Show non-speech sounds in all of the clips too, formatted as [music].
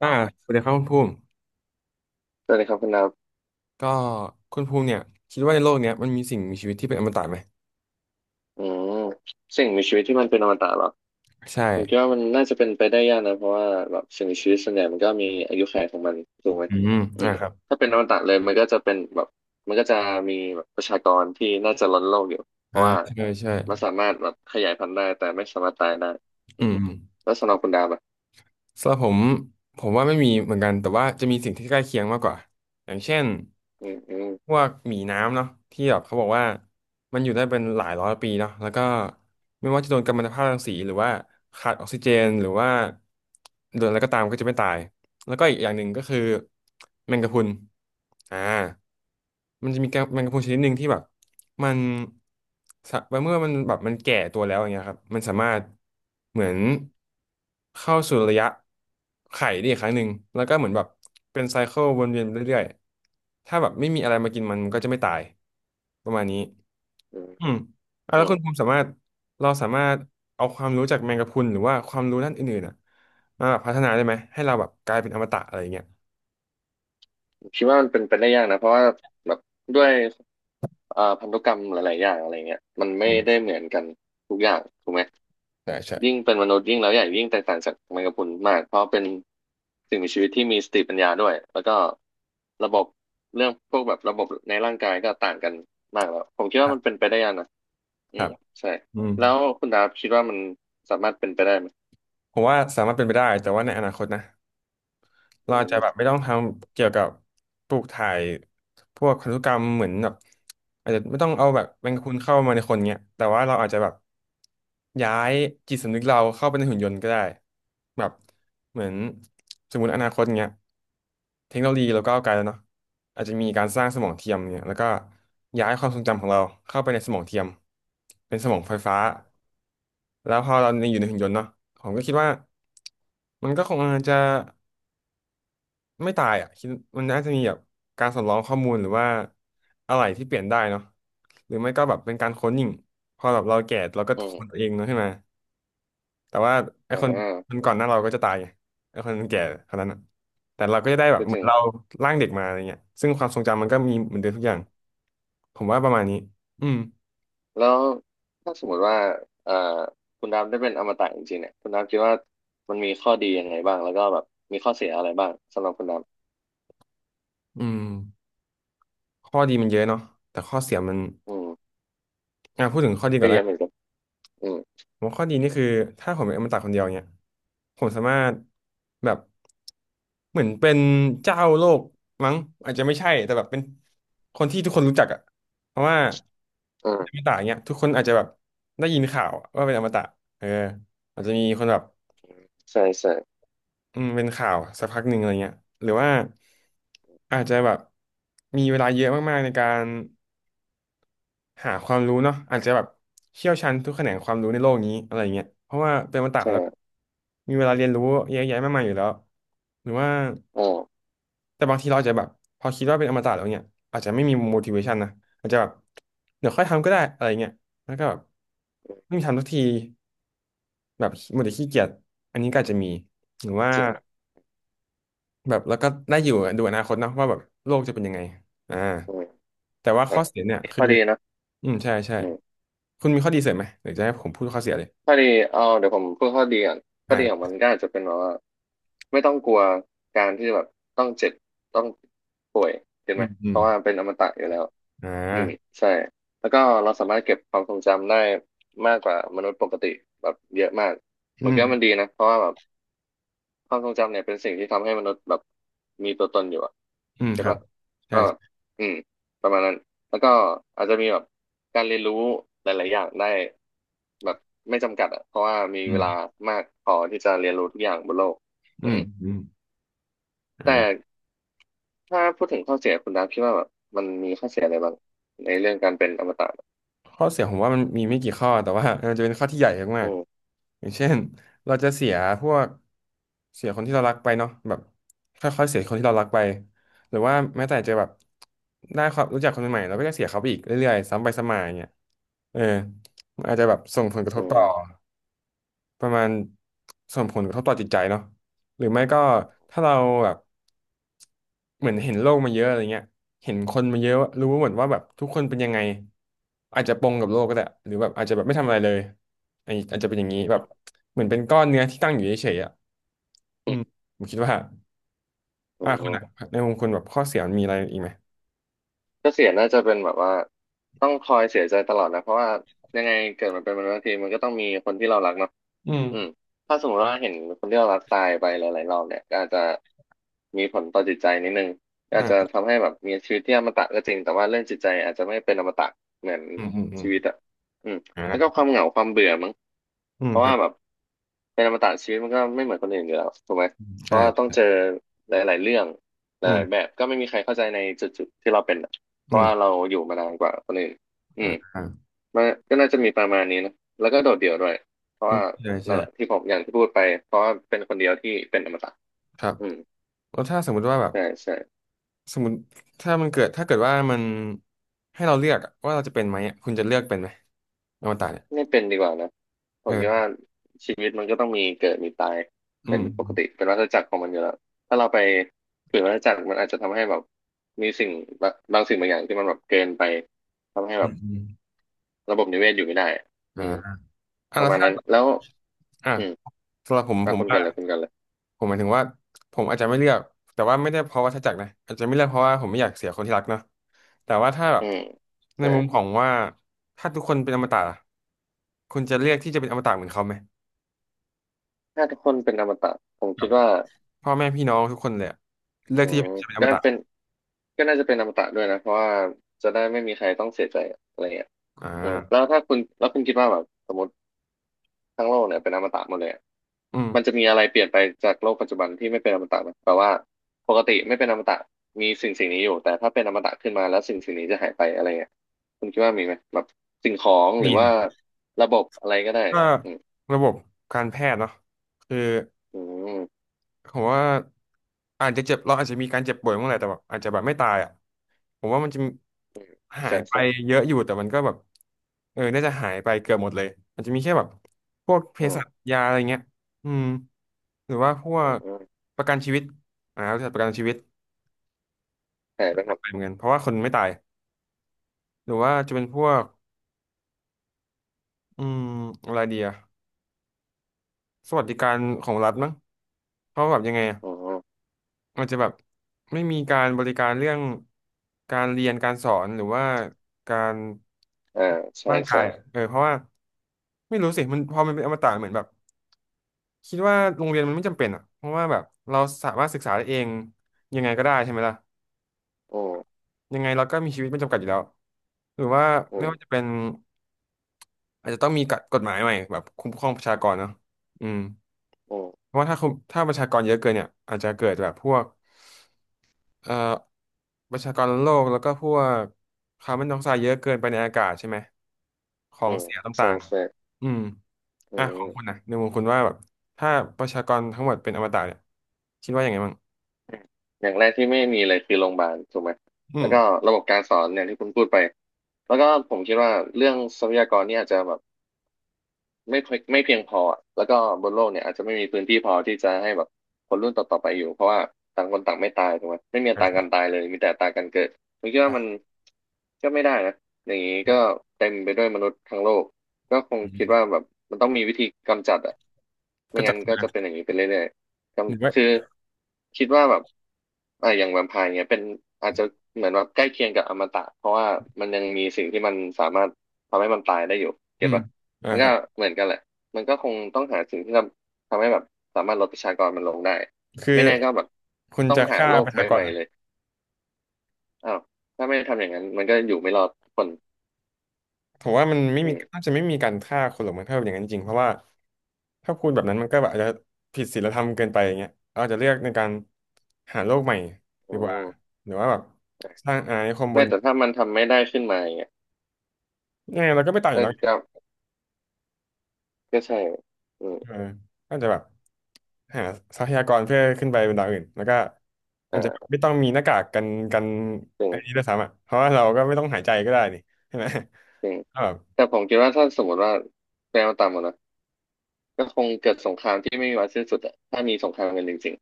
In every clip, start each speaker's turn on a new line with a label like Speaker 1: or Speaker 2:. Speaker 1: อ่าสวัสดีครับคุณภูมิ
Speaker 2: สวัสดีครับคุณดับ
Speaker 1: ก็คุณภูมิเนี่ยคิดว่าในโลกเนี้ยมันมีสิ่งมีชีวิตที่เป็นอมตะไหม
Speaker 2: อืมสิ่งมีชีวิตที่มันเป็นอมตะเหรอ
Speaker 1: ใช่
Speaker 2: ผมคิดว่ามันน่าจะเป็นไปได้ยากนะเพราะว่าแบบสิ่งมีชีวิตส่วนใหญ่มันก็มีอายุขัยของมันถูกไหม
Speaker 1: อืม
Speaker 2: อืม
Speaker 1: ครับ
Speaker 2: ถ้าเป็นอมตะเลยมันก็จะเป็นแบบมันก็จะมีแบบประชากรที่น่าจะล้นโลกอยู่เพราะว่า
Speaker 1: ใช่ใช่
Speaker 2: มันสามารถแบบขยายพันธุ์ได้แต่ไม่สามารถตายได้อื
Speaker 1: อื
Speaker 2: ม
Speaker 1: มอืม
Speaker 2: แล้วสำหรับคุณดาบอ่ะ
Speaker 1: สำหรับผมว่าไม่มีเหมือนกันแต่ว่าจะมีสิ่งที่ใกล้เคียงมากกว่าอย่างเช่น
Speaker 2: อืมอืม
Speaker 1: พวกหมีน้ำเนาะที่แบบเขาบอกว่ามันอยู่ได้เป็นหลายร้อยปีเนาะแล้วก็ไม่ว่าจะโดนกัมมันตภาพรังสีหรือว่าขาดออกซิเจนหรือว่าโดนอะไรก็ตามก็จะไม่ตายแล้วก็อีกอย่างหนึ่งก็คือแมงกะพรุนอ่ามันจะมีแมงกะพรุนชนิดหนึ่งที่แบบ มันสะเมื่อมันแก่ตัวแล้วอย่างเงี้ยครับมันสามารถเหมือนเข้าสู่ระยะไข่ได้อีกครั้งหนึ่งแล้วก็เหมือนแบบเป็นไซเคิลวนเวียนไปเรื่อยๆถ้าแบบไม่มีอะไรมากินมันก็จะไม่ตายประมาณนี้
Speaker 2: อืม
Speaker 1: อืมอ่ะแล้
Speaker 2: อื
Speaker 1: วคุ
Speaker 2: ม
Speaker 1: ณภูมิสามารถเราสามารถเอาความรู้จากแมงกะพรุนหรือว่าความรู้ด้านอื่นๆอ่ะมาแบบพัฒนาได้ไหมให้เราแบบกลายเป็นอมตะอะไรอย่างเงี้ย
Speaker 2: คิดว่ามันเป็นไปได้ยากนะเพราะว่าแบบด้วยพันธุกรรมหลายๆอย่างอะไรเงี้ยมันไม่
Speaker 1: อืม
Speaker 2: ได้เหมือนกันทุกอย่างถูกไหม
Speaker 1: ใช่ใช่
Speaker 2: ยิ่งเป็นมนุษย์ยิ่งแล้วใหญ่ยิ่งแตกต่างจากแมงกะพรุนมากเพราะเป็นสิ่งมีชีวิตที่มีสติปัญญาด้วยแล้วก็ระบบเรื่องพวกแบบระบบในร่างกายก็ต่างกันมากแล้วผมคิด
Speaker 1: ค
Speaker 2: ว่า
Speaker 1: รั
Speaker 2: มันเป็
Speaker 1: บ
Speaker 2: นไปได้ยากนะ
Speaker 1: ค
Speaker 2: อื
Speaker 1: รั
Speaker 2: ม
Speaker 1: บ
Speaker 2: ใช่
Speaker 1: อืม
Speaker 2: แล้วคุณดาบคิดว่ามันสามารถเป็นไปได้ไหม
Speaker 1: ผมว่าสามารถเป็นไปได้แต่ว่าในอนาคตนะ เรา
Speaker 2: อื
Speaker 1: อาจจะ
Speaker 2: ม
Speaker 1: แบบไม่ต้องทำเกี่ยวกับปลูกถ่ายพวกพันธุกรรมเหมือนแบบอาจจะไม่ต้องเอาแบบแมงกะพรุนเข้ามาในคนเนี้ยแต่ว่าเราอาจจะแบบย้ายจิตสำนึกเราเข้าไปในหุ่นยนต์ก็ได้แบบเหมือนสมมติอนาคตเนี้ยเทคโนโลยีเราก้าวไกลแล้วเนาะอาจจะมีการสร้างสมองเทียมเนี่ยแล้วก็ย้ายความทรงจำของเราเข้าไปในสมองเทียมเป็นสมองไฟฟ้าแล้วพอเราอยู่ในหุ่นยนต์เนาะผมก็คิดว่ามันก็คงจะ ไม่ตายอ่ะคิดมันน่าจะมีแบบการสำรองข้อมูลหรือว่าอะไรที่เปลี่ยนได้เนาะหรือไม่ก็แบบเป็นการค้นยิงพอแบบเราแก่เราก็
Speaker 2: อื
Speaker 1: ค้นตัว
Speaker 2: ม
Speaker 1: เองเนาะใช่ไหมแต่ว่าไอ้คน
Speaker 2: อ่า
Speaker 1: คนก่อนหน้าเราก็จะตายไงไอ้คนแก่คนนั้นอะแต่เราก็จะได้แบบ
Speaker 2: ก็
Speaker 1: เห
Speaker 2: จ
Speaker 1: มือ
Speaker 2: ริ
Speaker 1: น
Speaker 2: ง
Speaker 1: เราร่างเด็กมาอะไรเงี้ยซึ่งความทรงจำมันก็มีเหมือนเดิมทุกอ
Speaker 2: อื
Speaker 1: ย่าง
Speaker 2: ม
Speaker 1: ผมว่าประมาณนี้อืม
Speaker 2: แล้วถ้าสมมติว่าเอ่อคุณดาบได้เป็นอมตะจริงๆเนี่ยคุณดาบคิดว่ามันมีข้อดียังไงบ้างแล้วก็แบบมีข้อเสียอะไรบ้างสำหรับคุณดาบ
Speaker 1: อืมข้อดีมันเยอะเนาะแต่ข้อเสียมัน
Speaker 2: อืม
Speaker 1: อ่ะพูดถึงข้อดีก่อ
Speaker 2: ก็
Speaker 1: นแล้
Speaker 2: เย
Speaker 1: ว
Speaker 2: อะ
Speaker 1: กั
Speaker 2: เหมือน
Speaker 1: น
Speaker 2: กันอืม
Speaker 1: ผมว่าข้อดีนี่คือถ้าผมเป็นอมตะคนเดียวเนี่ยผมสามารถแบบเหมือนเป็นเจ้าโลกมั้งอาจจะไม่ใช่แต่แบบเป็นคนที่ทุกคนรู้จักอะเพราะว่า
Speaker 2: อื
Speaker 1: อม
Speaker 2: ม
Speaker 1: ตะเนี่ยทุกคนอาจจะแบบได้ยินข่าวว่าเป็นอมตะเอออาจจะมีคนแบบ
Speaker 2: ใช่ใช่
Speaker 1: อืมเป็นข่าวสักพักหนึ่งอะไรเงี้ยหรือว่าอาจจะแบบมีเวลาเยอะมากๆในการ หาความรู้เนาะอาจจะแบบเชี่ยวชาญทุกแขนงความรู้ในโลกนี้อะไรเงี้ยเพราะว่าเป็นอมตะ
Speaker 2: ใช่
Speaker 1: แล้วมีเวลาเรียนรู้เยอะแยะมากมายอยู่แล้วหรือว่า
Speaker 2: อ๋อ
Speaker 1: แต่บางทีเราอาจจะแบบพอคิดว่าเป็นอมตะแล้วเนี่ยอาจจะไม่มี motivation นะอาจจะแบบเดี๋ยวค่อยทำก็ได้อะไรเงี้ยแล้วก็แบบไม่มีทำสักทีแบบหมดแต่ขี้เกียจอันนี้ก็อาจจะมีหรือว่า
Speaker 2: จริง
Speaker 1: แบบแล้วก็ได้อยู่ดูอนาคตเนาะว่าแบบโลกจะเป็นยังไงอ่า
Speaker 2: อืม
Speaker 1: แต่ว่า
Speaker 2: อ่ะ
Speaker 1: ข้อเสียเนี่ยคือ
Speaker 2: ข้อดีนะ
Speaker 1: อืมใช่ใช่
Speaker 2: อืม
Speaker 1: คุณมีข้อดีเสริมไหมหรือจะให้ผมพูดข้อเสียเลย
Speaker 2: ข้อดีเอาเดี๋ยวผมพูดข้อดีก่อนข้
Speaker 1: อ่
Speaker 2: อดีของ
Speaker 1: า
Speaker 2: มันก็อาจจะเป็นแบบว่าไม่ต้องกลัวการที่แบบต้องเจ็บต้องป่วยเห็น
Speaker 1: อื
Speaker 2: ไหม
Speaker 1: มอื
Speaker 2: เพ
Speaker 1: ม
Speaker 2: ราะว่าเป็นอมตะอยู่แล้ว
Speaker 1: อ่
Speaker 2: อืม
Speaker 1: า
Speaker 2: ใช่แล้วก็เราสามารถเก็บความทรงจำได้มากกว่ามนุษย์ปกติแบบเยอะมากผ
Speaker 1: อื
Speaker 2: มคิด
Speaker 1: ม
Speaker 2: ว่ามันดีนะเพราะว่าแบบ ความทรงจำเนี่ยเป็นสิ่งที่ทำให้มนุษย์แบบมีตัวตนอยู่อะ
Speaker 1: อืม
Speaker 2: เห็
Speaker 1: ค
Speaker 2: น
Speaker 1: รับ
Speaker 2: ปะ
Speaker 1: ใช่
Speaker 2: ก็
Speaker 1: ใช่
Speaker 2: อืมประมาณนั้นแล้วก็อาจจะมีแบบการเรียนรู้หลายๆอย่างได้แบบไม่จำกัดอะเพราะว่ามี
Speaker 1: อื
Speaker 2: เว
Speaker 1: ม
Speaker 2: ลามากพอที่จะเรียนรู้ทุกอย่างบนโลก
Speaker 1: อื
Speaker 2: อื
Speaker 1: ม
Speaker 2: ม
Speaker 1: อืมอ่
Speaker 2: แต่
Speaker 1: า
Speaker 2: ถ้าพูดถึงข้อเสียคุณดาพี่ว่าแบบมันมีข้อเสียอะไรบ้างในเรื่องการเป็นอมตะ
Speaker 1: ข้อเสียผมว่ามันมีไม่กี่ข้อแต่ว่ามันจะเป็นข้อที่ใหญ่มาก
Speaker 2: อืม
Speaker 1: ๆอย่างเช่นเราจะเสียพวกเสียคนที่เรารักไปเนาะแบบค่อยๆเสียคนที่เรารักไปหรือว่าแม้แต่จะแบบได้ความรู้จักคนใหม่ๆเราก็จะเสียเขาไปอีกเรื่อยๆซ้ำไปซ้ำมาอย่างเงี้ยเออมันอาจจะแบบส่งผลกระทบ
Speaker 2: อื
Speaker 1: ต่
Speaker 2: ม
Speaker 1: อ ประมาณส่งผลกระทบต่อจิตใจเนาะหรือไม่ก็ถ้าเราแบบเหมือนเห็นโลกมาเยอะอะไรเงี้ยเห็นคนมาเยอะรู้หมดว่าแบบทุกคนเป็นยังไงอาจจะปงกับโลกก็ได้หรือแบบอาจจะแบบไม่ทำอะไรเลยอันนี้อาจจะเป็นอย่างนี้แบ
Speaker 2: อื
Speaker 1: บ
Speaker 2: ม
Speaker 1: เหมือนเป็นก้อนเนื้อที่ตั้งอยู่เฉยๆอ่ะอืมผมคิดว่า
Speaker 2: อื
Speaker 1: คุณ
Speaker 2: ม
Speaker 1: อะในมุมคุณแบบข้อเสียมันมีอะไรอีกไหม
Speaker 2: ก็เสียน่าจะเป็นแบบว่าต้องคอยเสียใจตลอดนะเพราะว่ายังไงเกิดมันเป็นมนุษย์ทงทีมันก็ต้องมีคนที่เรารักเนาะ
Speaker 1: อืม
Speaker 2: อืมถ้าสมมติว่าเห็นคนที่เรารักตายไปหลายๆรอบเนี่ยก็อาจจะมีผลต่อจิตใจนิดนึงก็
Speaker 1: อ่า
Speaker 2: อาจจะทำให้แบบมีชีวิตที่อมตะก็จริงแต่ว่าเรื่องจิตใจอาจจะไม่เป็นอมตะเหมือน
Speaker 1: อืม
Speaker 2: ชีวิตอ่ะอืมแล้วก็ค
Speaker 1: อ่า
Speaker 2: วามเหงาความเบื่อมั้ง
Speaker 1: อื
Speaker 2: เพ
Speaker 1: ม
Speaker 2: ราะ
Speaker 1: ครั
Speaker 2: ว่า
Speaker 1: บ
Speaker 2: แบบเป็นอมตะชีวิตมันก็ไม่เหมือนคนอื่นอยู่แล้วถูกไหมเพราะว่าต้อง
Speaker 1: ใช่
Speaker 2: เจอหลายๆเรื่องห
Speaker 1: อืม
Speaker 2: ลายๆแบบก็ไม่มีใครเข้าใจในจุดๆที่เราเป็น เพ
Speaker 1: อื
Speaker 2: ราะ
Speaker 1: ม
Speaker 2: ว่าเราอยู่มานานกว่าคนอื่นอื
Speaker 1: อ่า
Speaker 2: ม
Speaker 1: อ่า
Speaker 2: มันก็น่าจะมีประมาณนี้นะแล้วก็โดดเดี่ยวด้วยเพราะว่า
Speaker 1: ใช่
Speaker 2: นั่
Speaker 1: ใช่
Speaker 2: นแหละที่ผมอย่างที่พูดไปเพราะว่าเป็นคนเดียวที่เป็นอมตะ
Speaker 1: ครับ
Speaker 2: อืม
Speaker 1: แล้วถ้าสมมุติว่าแบบ
Speaker 2: ใช่ใช่
Speaker 1: สมมติถ้ามันเกิดถ้าเกิดว่ามันให้เราเลือกอะว่าเราจะเป็นไหมอะคุณจะเลือกเป็นไหมอวตารเนี่ย
Speaker 2: ไม่เป็นดีกว่านะผมคิด
Speaker 1: เออ
Speaker 2: ว่าชีวิตมันก็ต้องมีเกิดมีตาย
Speaker 1: อื
Speaker 2: เป็นปกติ
Speaker 1: ม
Speaker 2: เป็นวัฏจักรของมันอยู่แล้วถ้าเราไปฝืนวัฏจักรมันอาจจะทำให้แบบมีสิ่งบางสิ่งบางอย่างที่มันแบบเกินไปทำให้
Speaker 1: อื
Speaker 2: แบบ
Speaker 1: มอืม
Speaker 2: ระบบนิเวศอยู่ไม่ได้
Speaker 1: อ่า
Speaker 2: อืม
Speaker 1: อ่ะ
Speaker 2: ป
Speaker 1: แล้
Speaker 2: ระ
Speaker 1: ว
Speaker 2: มาณ
Speaker 1: ถ้า
Speaker 2: นั้นแล้ว
Speaker 1: อ่ะ
Speaker 2: อืม
Speaker 1: สำหรับผมผ
Speaker 2: มา
Speaker 1: ม
Speaker 2: คุณ
Speaker 1: ว่า
Speaker 2: กันเลยคุณกันเลย
Speaker 1: ผมหมายถึงว่าผมอาจจะไม่เลือกแต่ว่าไม่ได้เพราะวัฏจักรนะอาจจะไม่เลือกเพราะว่าผมไม่อยากเสียคนที่รักเนาะแต่ว่าถ้าแบบ
Speaker 2: อืม
Speaker 1: ใน
Speaker 2: ใช่
Speaker 1: มุมของว่าถ้าทุกคนเป็นอมตะล่ะคุณจะเลือกที่จะเป็นอมตะเหมือนเขาไหม
Speaker 2: ถ้าทุกคนเป็นอมตะผม
Speaker 1: แบ
Speaker 2: คิด
Speaker 1: บ
Speaker 2: ว่า
Speaker 1: พ่อแม่พี่น้องทุกคนเลยอะเลือก
Speaker 2: อื
Speaker 1: ที่จะ
Speaker 2: ม
Speaker 1: เป็นอ
Speaker 2: ก็
Speaker 1: มตะ
Speaker 2: เป็นก็น่าจะเป็นอมตะด้วยนะเพราะว่าจะได้ไม่มีใครต้องเสียใจอะไรเงี้ย
Speaker 1: อ่
Speaker 2: อืมแล้ว
Speaker 1: า
Speaker 2: ถ้าคุณแล้วคุณคิดว่าแบบสมมติทั้งโลกเนี่ยเป็นอมตะหมดเลยอะ
Speaker 1: อืม
Speaker 2: มันจะมีอะไรเปลี่ยนไปจากโลกปัจจุบันที่ไม่เป็นอมตะไหมแปลว่าปกติไม่เป็นอมตะมีสิ่งสิ่งนี้อยู่แต่ถ้าเป็นอมตะขึ้นมาแล้วสิ่งสิ่งนี้จะหายไปอะไรเงี้ยคุณคิดว่ามีไหมแบบสิ่งของหรื
Speaker 1: มี
Speaker 2: อว่า
Speaker 1: สิ
Speaker 2: ระบบอะไรก็ได้
Speaker 1: ก็
Speaker 2: อืม
Speaker 1: ระบบการแพทย์เนาะคือ
Speaker 2: อืม
Speaker 1: ผมว่าอาจจะเจ็บเราอาจจะมีการเจ็บป่วยเมื่อไหร่แต่แบบอาจจะแบบไม่ตายอ่ะผมว่ามันจะ
Speaker 2: อืม
Speaker 1: หา
Speaker 2: ใช่
Speaker 1: ยไป
Speaker 2: ใช่
Speaker 1: เยอะอยู่แต่มันก็แบบเออน่าจะหายไปเกือบหมดเลยมันจะมีแค่แบบพวกเภ
Speaker 2: อื
Speaker 1: สั
Speaker 2: ม
Speaker 1: ชยาอะไรเงี้ยอืมหรือว่าพว
Speaker 2: อืม
Speaker 1: ก
Speaker 2: อืม
Speaker 1: ประกันชีวิตบริษัทประกันชีวิต
Speaker 2: หายไปหมด
Speaker 1: ไปเหมือนกันเพราะว่าคนไม่ตายหรือว่าจะเป็นพวกอืมอะไรเดียะสวัสดิการของรัฐมั้งเพราะว่าแบบยังไงอะ
Speaker 2: อ๋อ
Speaker 1: มันจะแบบไม่มีการบริการเรื่องการเรียนการสอนหรือว่าการ
Speaker 2: อ่าใช่
Speaker 1: ร่างกา
Speaker 2: ใช่
Speaker 1: ยเออเพราะว่าไม่รู้สิมันพอมันเป็นอมตะเหมือนแบบคิดว่าโรงเรียนมันไม่จำเป็นอ่ะเพราะว่าแบบเราสามารถศึกษาได้เองยังไงก็ได้ใช่ไหมล่ะ
Speaker 2: อืม
Speaker 1: ยังไงเราก็มีชีวิตไม่จำกัดอยู่แล้วหรือว่า
Speaker 2: อื
Speaker 1: ไม่
Speaker 2: ม
Speaker 1: ว่าจะเป็นอาจจะต้องมีกฎหมายใหม่แบบคุ้มครองประชากรเนาะอืม
Speaker 2: อืม
Speaker 1: เพราะว่าถ้าคุมถ้าประชากรเยอะเกินเนี่ยอาจจะเกิดแบบพวก เอ่อประชากรโลกแล้วก็พวกคาร์บอนไดออกไซด์เยอะเกินไปในอากาศใช่ไหมขอ
Speaker 2: อื
Speaker 1: ง
Speaker 2: ม
Speaker 1: เสีย
Speaker 2: ใช่
Speaker 1: ต่าง
Speaker 2: ใช่
Speaker 1: ๆอืม
Speaker 2: อื
Speaker 1: อ่ะ
Speaker 2: ม
Speaker 1: ข
Speaker 2: อื
Speaker 1: อง
Speaker 2: ม
Speaker 1: คุณนะในมุมคุณว่าแบบถ้าประชากรทั้งหมดเป็นอมตะเนี่ยคิดว่าอย่างไงบ้าง
Speaker 2: อืมอย่างแรกที่ไม่มีเลยคือโรงพยาบาลถูกไหม
Speaker 1: อื
Speaker 2: แล้
Speaker 1: ม
Speaker 2: วก็ระบบการสอนอย่างที่คุณพูดไปแล้วก็ผมคิดว่าเรื่องทรัพยากรนี่อาจจะแบบ ไม่เพียงพอแล้วก็บนโลกเนี่ยอาจจะไม่มีพื้นที่พอที่จะให้แบบคนรุ่นต่อๆไปอยู่เพราะว่าต่างคนต่างไม่ตายถูกไหมไม่มีอัตรา
Speaker 1: อ่ะ
Speaker 2: การตายเลยมีแต่อัตราการเกิดผมคิดว่ามัน
Speaker 1: อ่ะ
Speaker 2: ก็ไม่ได้นะอย่างนี้ก็เต็มไปด้วยมนุษย์ทั้งโลกก็คง
Speaker 1: อืม
Speaker 2: คิดว่าแบบมันต้องมีวิธีกำจัดอะ
Speaker 1: ก็
Speaker 2: ไม่
Speaker 1: จั
Speaker 2: งั้
Speaker 1: ด
Speaker 2: นก็
Speaker 1: มา
Speaker 2: จะเป็นอย่างนี้ไปเรื่อยๆ
Speaker 1: หนึ่งไว้
Speaker 2: กำคือคิดว่าแบบอ่าอย่างแวมไพร์เนี่ยเป็นอาจจะเหมือนว่าใกล้เคียงกับอมตะเพราะว่ามันยังมีสิ่งที่มันสามารถทำให้มันตายได้อยู่
Speaker 1: อื
Speaker 2: เก็ต
Speaker 1: ม
Speaker 2: ปะ มัน
Speaker 1: ค
Speaker 2: ก็
Speaker 1: รับ
Speaker 2: เหมือนกันแหละมันก็คงต้องหาสิ่งที่ทำให้แบบสามารถลดประชากรมันลงได้
Speaker 1: คือ
Speaker 2: ไม่แน่ก็แบบ
Speaker 1: คุณ
Speaker 2: ต้อง
Speaker 1: จะ
Speaker 2: หา
Speaker 1: ฆ่า
Speaker 2: โล
Speaker 1: ป
Speaker 2: ก
Speaker 1: ระ
Speaker 2: ใบ
Speaker 1: ชาก
Speaker 2: ให
Speaker 1: ร
Speaker 2: ม่เลยอ้าวถ้าไม่ทำอย่างนั้นมันก็อยู่ไม่รอดทุกคน
Speaker 1: ผมว่ามันไม่
Speaker 2: อื
Speaker 1: มี
Speaker 2: ม
Speaker 1: น่าจะไม่มีการฆ่าคนหรอกมั้งถ้าอย่างนั้นจริงเพราะว่าถ้าพูดแบบนั้นมันก็แบบอาจจะผิดศีลธรรมเกินไปอย่างเงี้ยอาจจะเลือกในการหาโลกใหม่ดี
Speaker 2: อื
Speaker 1: กว่า
Speaker 2: ม
Speaker 1: หรือว่าแบบสร้างอาณานิคมบ
Speaker 2: ไม่
Speaker 1: น
Speaker 2: แต่ถ้ามันทำไม่ได้ขึ้นมาอย่างเงี้ย
Speaker 1: ยังไงเราก็ไม่ตายอยู่
Speaker 2: ก็
Speaker 1: แล้วไง
Speaker 2: ก็ก็ใช่อืม
Speaker 1: เออก็จะแบบหาทรัพยากรเพื่อขึ้นไปบนดาวอื่นแล้วก็อาจจะ
Speaker 2: อ่า
Speaker 1: ไม่ต้องมีหน้ากากกัน
Speaker 2: จริ
Speaker 1: ไอันนี้ด้
Speaker 2: ง
Speaker 1: วยซ้ำอ่ะเพราะว่าเราก็ไม่ต้องหายใจก็ได้นี่ใช่ไหม
Speaker 2: จริง
Speaker 1: [laughs] ก็แบบ
Speaker 2: แต่ผมคิดว่าถ้าสมมติว่าแนวต่ำอะนะก็คงเกิดสงครามที่ไม่มีวันสิ้นสุดอะถ้ามีสงครามกันจริง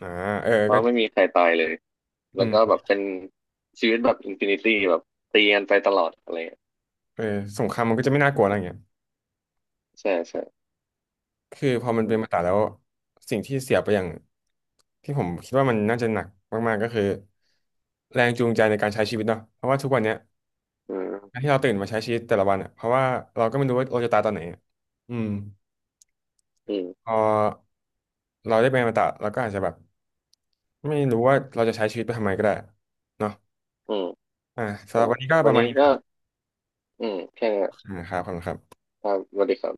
Speaker 1: อ่าเออ
Speaker 2: ๆเพ
Speaker 1: ก็
Speaker 2: ราะไม่มีใครตายเลย
Speaker 1: อื
Speaker 2: แล้วก็แบ
Speaker 1: ม
Speaker 2: บเป็นชีวิตแบบอินฟินิตี้แบบตีกันไปตลอดอะไร
Speaker 1: เออสงครามมันก็จะไม่น่ากลัวอะไรอย่างเงี้ย
Speaker 2: ใช่ใช่
Speaker 1: คือพอมัน
Speaker 2: อื
Speaker 1: เป็นมาต
Speaker 2: ม
Speaker 1: ราแล้วสิ่งที่เสียไปอย่างที่ผมคิดว่ามันน่าจะหนักมากๆก็คือแรงจูงใจในการใช้ชีวิตเนาะเพราะว่าทุกวันเนี้ย
Speaker 2: อื
Speaker 1: กา
Speaker 2: ม
Speaker 1: รที่เราตื่นมาใช้ชีวิตแต่ละวันอ่ะเพราะว่าเราก็ไม่รู้ว่าเราจะตายตอนไหนอะอืม
Speaker 2: อืม
Speaker 1: พอเราได้เป็นอมตะเราก็อาจจะแบบไม่รู้ว่าเราจะใช้ชีวิตไปทำไมก็ได้เนาะ
Speaker 2: อืม
Speaker 1: อ่าสำห
Speaker 2: ใช่
Speaker 1: รับวันนี้ก็
Speaker 2: วั
Speaker 1: ป
Speaker 2: น
Speaker 1: ระมาณ
Speaker 2: นี้
Speaker 1: นี้ค
Speaker 2: ก็
Speaker 1: รับ
Speaker 2: อืมแค่นี้
Speaker 1: ครับขอบคุณครับ
Speaker 2: ครับสวัสดีครับ